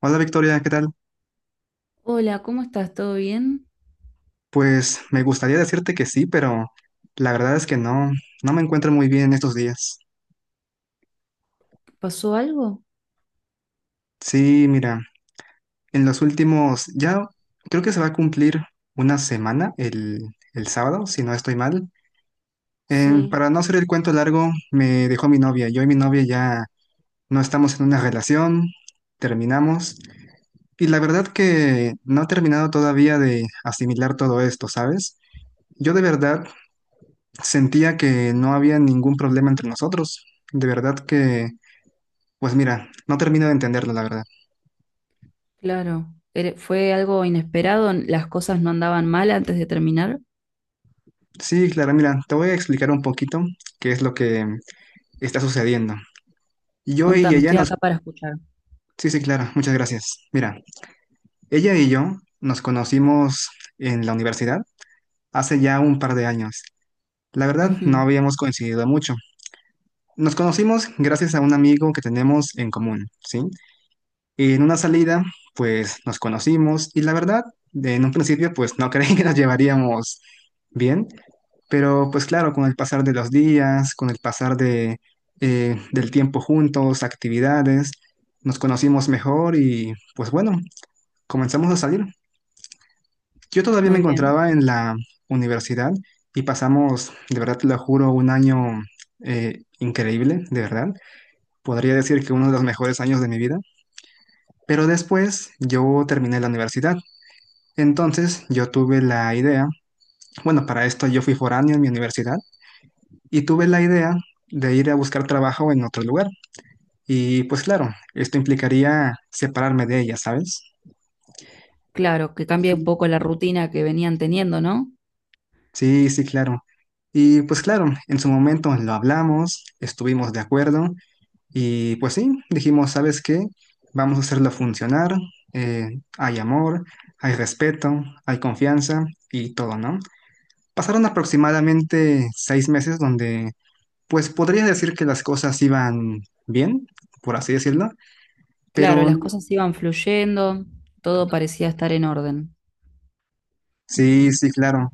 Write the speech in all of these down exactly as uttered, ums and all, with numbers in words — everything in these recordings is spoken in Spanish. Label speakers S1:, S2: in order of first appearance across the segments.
S1: Hola Victoria, ¿qué tal?
S2: Hola, ¿cómo estás? ¿Todo bien?
S1: Pues me gustaría decirte que sí, pero la verdad es que no, no me encuentro muy bien estos días.
S2: ¿Pasó algo?
S1: Sí, mira, en los últimos, ya creo que se va a cumplir una semana el, el sábado, si no estoy mal. Em,
S2: Sí,
S1: para no hacer el cuento largo, me dejó mi novia. Yo y mi novia ya no estamos en una relación, terminamos. Y la verdad que no he terminado todavía de asimilar todo esto, ¿sabes? Yo de verdad sentía que no había ningún problema entre nosotros. De verdad que, pues mira, no termino de entenderlo, la verdad.
S2: claro. Ere- ¿Fue algo inesperado? ¿Las cosas no andaban mal antes de terminar?
S1: Sí, Clara, mira, te voy a explicar un poquito qué es lo que está sucediendo. Yo y
S2: Contame,
S1: ella
S2: estoy
S1: nos.
S2: acá para escuchar.
S1: Sí, sí, Clara, muchas gracias. Mira, ella y yo nos conocimos en la universidad hace ya un par de años. La verdad, no
S2: Ujú.
S1: habíamos coincidido mucho. Nos conocimos gracias a un amigo que tenemos en común, ¿sí? Y en una salida, pues nos conocimos y la verdad, en un principio, pues no creí que nos llevaríamos bien, pero pues claro, con el pasar de los días, con el pasar de, eh, del tiempo juntos, actividades, nos conocimos mejor y pues bueno, comenzamos a salir. Yo todavía me
S2: Muy bien.
S1: encontraba en la universidad y pasamos, de verdad te lo juro, un año eh, increíble, de verdad. Podría decir que uno de los mejores años de mi vida. Pero después yo terminé la universidad. Entonces yo tuve la idea, bueno, para esto yo fui foráneo en mi universidad y tuve la idea de ir a buscar trabajo en otro lugar. Y pues claro, esto implicaría separarme de ella, ¿sabes?
S2: Claro, que cambia un
S1: Sí.
S2: poco la rutina que venían teniendo, ¿no?
S1: Sí, sí, claro. Y pues claro, en su momento lo hablamos, estuvimos de acuerdo y pues sí, dijimos, ¿sabes qué? Vamos a hacerlo funcionar. eh, hay amor, hay respeto, hay confianza y todo, ¿no? Pasaron aproximadamente seis meses donde, pues podría decir que las cosas iban bien, por así decirlo,
S2: Claro,
S1: pero
S2: las cosas iban fluyendo, todo parecía estar en orden.
S1: sí, sí, claro.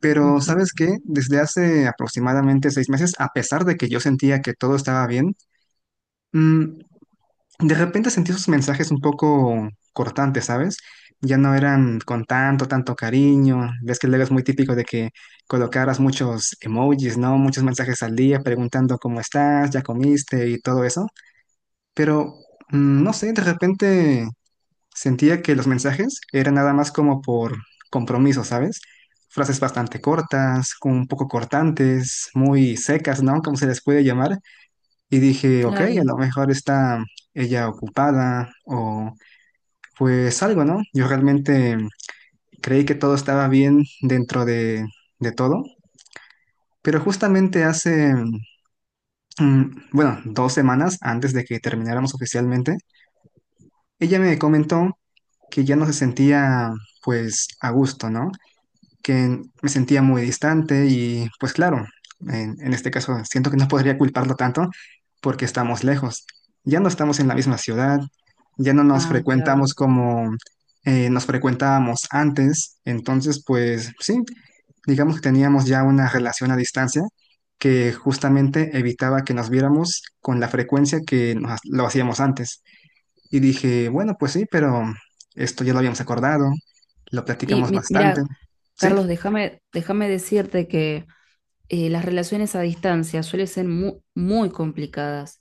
S1: Pero
S2: Ujú.
S1: ¿sabes qué? Desde hace aproximadamente seis meses, a pesar de que yo sentía que todo estaba bien, mm, de repente sentí sus mensajes un poco cortantes, ¿sabes? Ya no eran con tanto, tanto cariño. Ves que luego es muy típico de que colocaras muchos emojis, ¿no? Muchos mensajes al día preguntando cómo estás, ya comiste y todo eso. Pero mm, no sé, de repente sentía que los mensajes eran nada más como por compromiso, ¿sabes? Frases bastante cortas, como un poco cortantes, muy secas, ¿no? Como se les puede llamar. Y dije, ok, a lo
S2: Claro.
S1: mejor está ella ocupada o pues algo, ¿no? Yo realmente creí que todo estaba bien dentro de, de todo. Pero justamente hace, mm, bueno, dos semanas antes de que termináramos oficialmente, ella me comentó que ya no se sentía pues a gusto, ¿no? Que me sentía muy distante y pues claro, en, en este caso siento que no podría culparlo tanto porque estamos lejos. Ya no estamos en la misma ciudad, ya no nos
S2: Ah, claro.
S1: frecuentamos como eh, nos frecuentábamos antes, entonces pues sí, digamos que teníamos ya una relación a distancia que justamente evitaba que nos viéramos con la frecuencia que nos- lo hacíamos antes. Y dije, bueno, pues sí, pero esto ya lo habíamos acordado, lo
S2: Y
S1: platicamos
S2: mi-
S1: bastante,
S2: mira,
S1: ¿sí?
S2: Carlos, déjame, déjame decirte que eh, las relaciones a distancia suelen ser mu- muy complicadas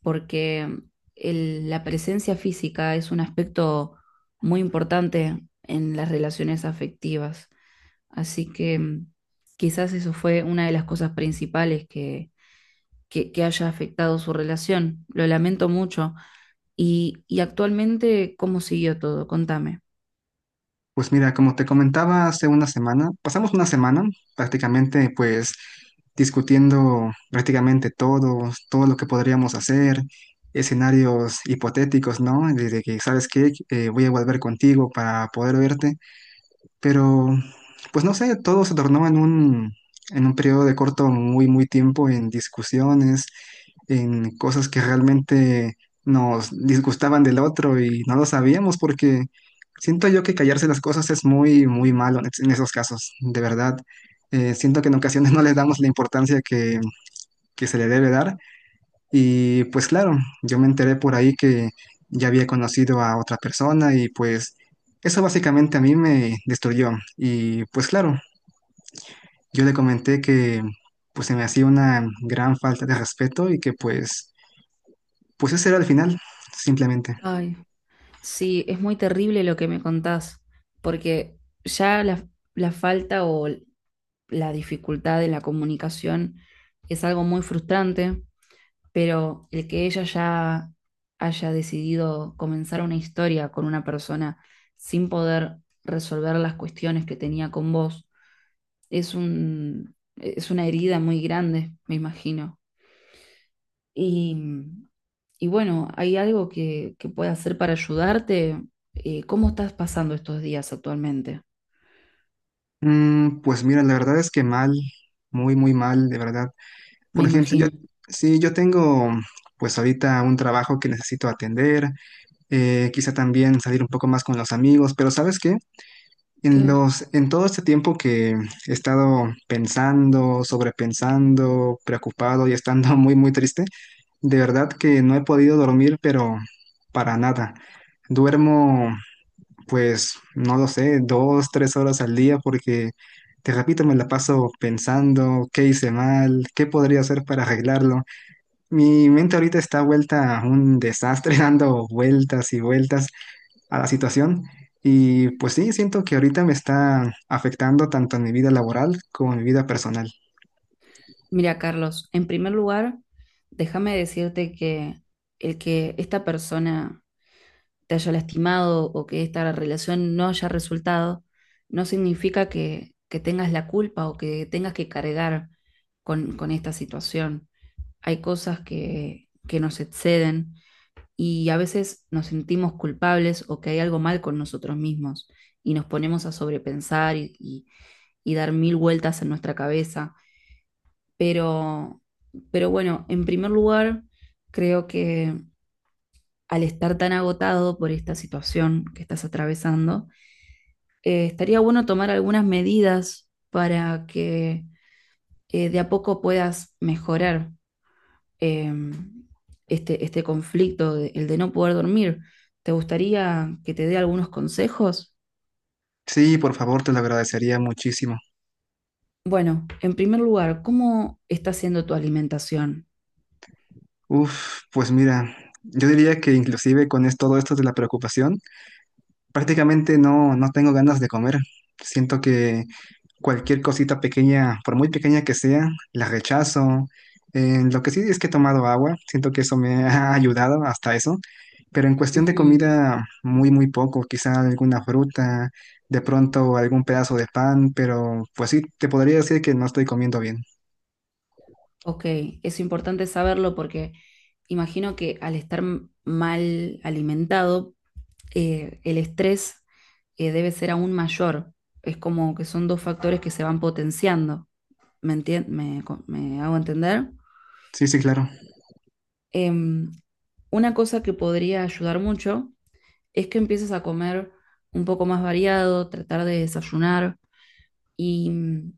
S2: porque el- la presencia física es un aspecto muy importante en las relaciones afectivas. Así que mm, quizás eso fue una de las cosas principales que, que- que haya afectado su relación. Lo lamento mucho. Y, y actualmente, ¿cómo siguió todo? Contame.
S1: Pues mira, como te comentaba hace una semana, pasamos una semana prácticamente pues discutiendo prácticamente todo, todo lo que podríamos hacer, escenarios hipotéticos, ¿no? De de que, ¿sabes qué? Eh, voy a volver contigo para poder verte. Pero, pues no sé, todo se tornó en un, en un, periodo de corto, muy, muy tiempo en discusiones, en cosas que realmente nos disgustaban del otro y no lo sabíamos porque siento yo que callarse las cosas es muy, muy malo en en esos casos, de verdad. Eh, siento que en ocasiones no les damos la importancia que, que se le debe dar y pues claro, yo me enteré por ahí que ya había conocido a otra persona y pues eso básicamente a mí me destruyó. Y pues claro, yo le comenté que pues se me hacía una gran falta de respeto y que pues, pues ese era el final, simplemente.
S2: Ay, sí, es muy terrible lo que me contás, porque ya la, la falta o la dificultad de la comunicación es algo muy frustrante, pero el que ella ya haya decidido comenzar una historia con una persona sin poder resolver las cuestiones que tenía con vos, es, un, es una herida muy grande, me imagino. Y, y bueno, ¿hay algo que, que pueda hacer para ayudarte? Eh, ¿Cómo estás pasando estos días actualmente?
S1: Mm, pues mira, la verdad es que mal, muy, muy mal, de verdad.
S2: Me
S1: Por ejemplo, yo,
S2: imagino.
S1: sí, yo tengo pues ahorita un trabajo que necesito atender, eh, quizá también salir un poco más con los amigos, pero ¿sabes qué? En
S2: ¿Qué?
S1: los, en todo este tiempo que he estado pensando, sobrepensando, preocupado y estando muy, muy triste, de verdad que no he podido dormir, pero para nada. Duermo, pues, no lo sé, dos, tres horas al día porque, te repito, me la paso pensando qué hice mal, qué podría hacer para arreglarlo. Mi mente ahorita está vuelta a un desastre, dando vueltas y vueltas a la situación. Y pues sí, siento que ahorita me está afectando tanto en mi vida laboral como en mi vida personal.
S2: Mira, Carlos, en primer lugar, déjame decirte que el que esta persona te haya lastimado o que esta relación no haya resultado, no significa que, que tengas la culpa o que tengas que cargar con, con esta situación. Hay cosas que, que nos exceden y a veces nos sentimos culpables o que hay algo mal con nosotros mismos y nos ponemos a sobrepensar y, y y dar mil vueltas en nuestra cabeza pero, pero bueno, en primer lugar, creo que al estar tan agotado por esta situación que estás atravesando, eh, estaría bueno tomar algunas medidas para que eh, de a poco puedas mejorar eh, este, este conflicto, de- el de no poder dormir. ¿Te gustaría que te dé algunos consejos?
S1: Sí, por favor, te lo agradecería muchísimo.
S2: Bueno, en primer lugar, ¿cómo está siendo tu alimentación?
S1: Uf, pues mira, yo diría que inclusive con es- todo esto de la preocupación, prácticamente no, no tengo ganas de comer. Siento que cualquier cosita pequeña, por muy pequeña que sea, la rechazo. Eh, lo que sí es que he tomado agua, siento que eso me ha ayudado hasta eso. Pero en cuestión de
S2: Ujú.
S1: comida, muy, muy poco. Quizá alguna fruta, de pronto algún pedazo de pan, pero pues sí, te podría decir que no estoy comiendo bien.
S2: Ok, es importante saberlo porque imagino que al estar m- mal alimentado, eh, el estrés eh, debe ser aún mayor. Es como que son dos factores que se van potenciando. ¿Me entien- me, co- me hago entender?
S1: Sí, sí, claro.
S2: Em, una cosa que podría ayudar mucho es que empieces a comer un poco más variado, tratar de desayunar. Y mm,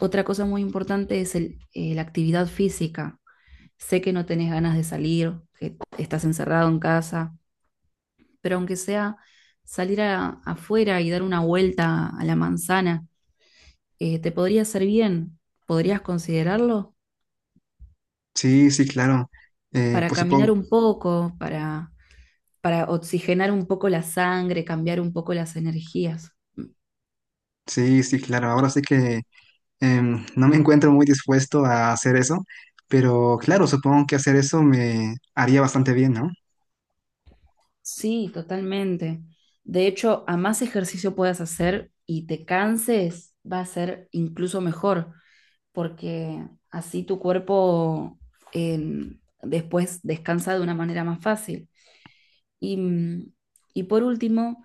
S2: otra cosa muy importante es el- eh, la actividad física. Sé que no tenés ganas de salir, que estás encerrado en casa, pero aunque sea salir a- afuera y dar una vuelta a la manzana, eh, te podría hacer bien. ¿Podrías considerarlo?
S1: Sí, sí, claro. Eh,
S2: Para
S1: pues
S2: caminar
S1: supongo.
S2: un poco, para, para oxigenar un poco la sangre, cambiar un poco las energías.
S1: Sí, sí, claro. Ahora sí que em, no me encuentro muy dispuesto a hacer eso, pero claro, supongo que hacer eso me haría bastante bien, ¿no?
S2: Sí, totalmente. De hecho, a más ejercicio puedas hacer y te canses, va a ser incluso mejor, porque así tu cuerpo eh, después descansa de una manera más fácil. Y, mm, y por último,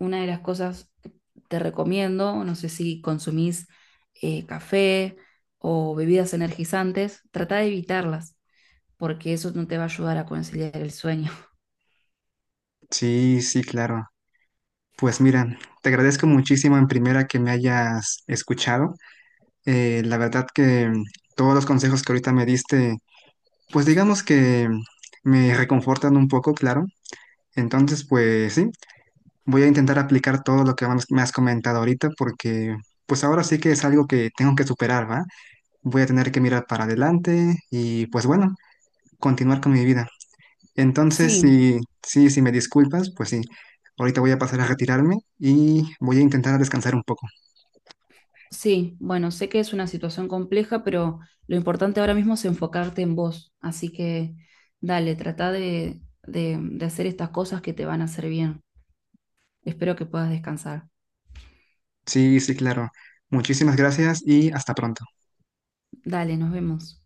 S2: una de las cosas que te recomiendo, no sé si consumís eh, café o bebidas energizantes, trata de evitarlas, porque eso no te va a ayudar a conciliar el sueño.
S1: Sí, sí, claro. Pues mira, te agradezco muchísimo en primera que me hayas escuchado. Eh, la verdad que mm, todos los consejos que ahorita me diste, pues digamos que mm, me reconfortan un poco, claro. Entonces, pues sí, voy a intentar aplicar todo lo que me has me has comentado ahorita porque pues ahora sí que es algo que tengo que superar, ¿va? Voy a tener que mirar para adelante y pues bueno, continuar con mi vida. Entonces,
S2: Sí.
S1: sí, sí, si me disculpas, pues sí, ahorita voy a pasar a retirarme y voy a intentar descansar un poco.
S2: Sí, bueno, sé que es una situación compleja, pero lo importante ahora mismo es enfocarte en vos. Así que dale, trata de, de, de hacer estas cosas que te van a hacer bien. Espero que puedas descansar.
S1: Sí, sí, claro. Muchísimas gracias y hasta pronto.
S2: Dale, nos vemos.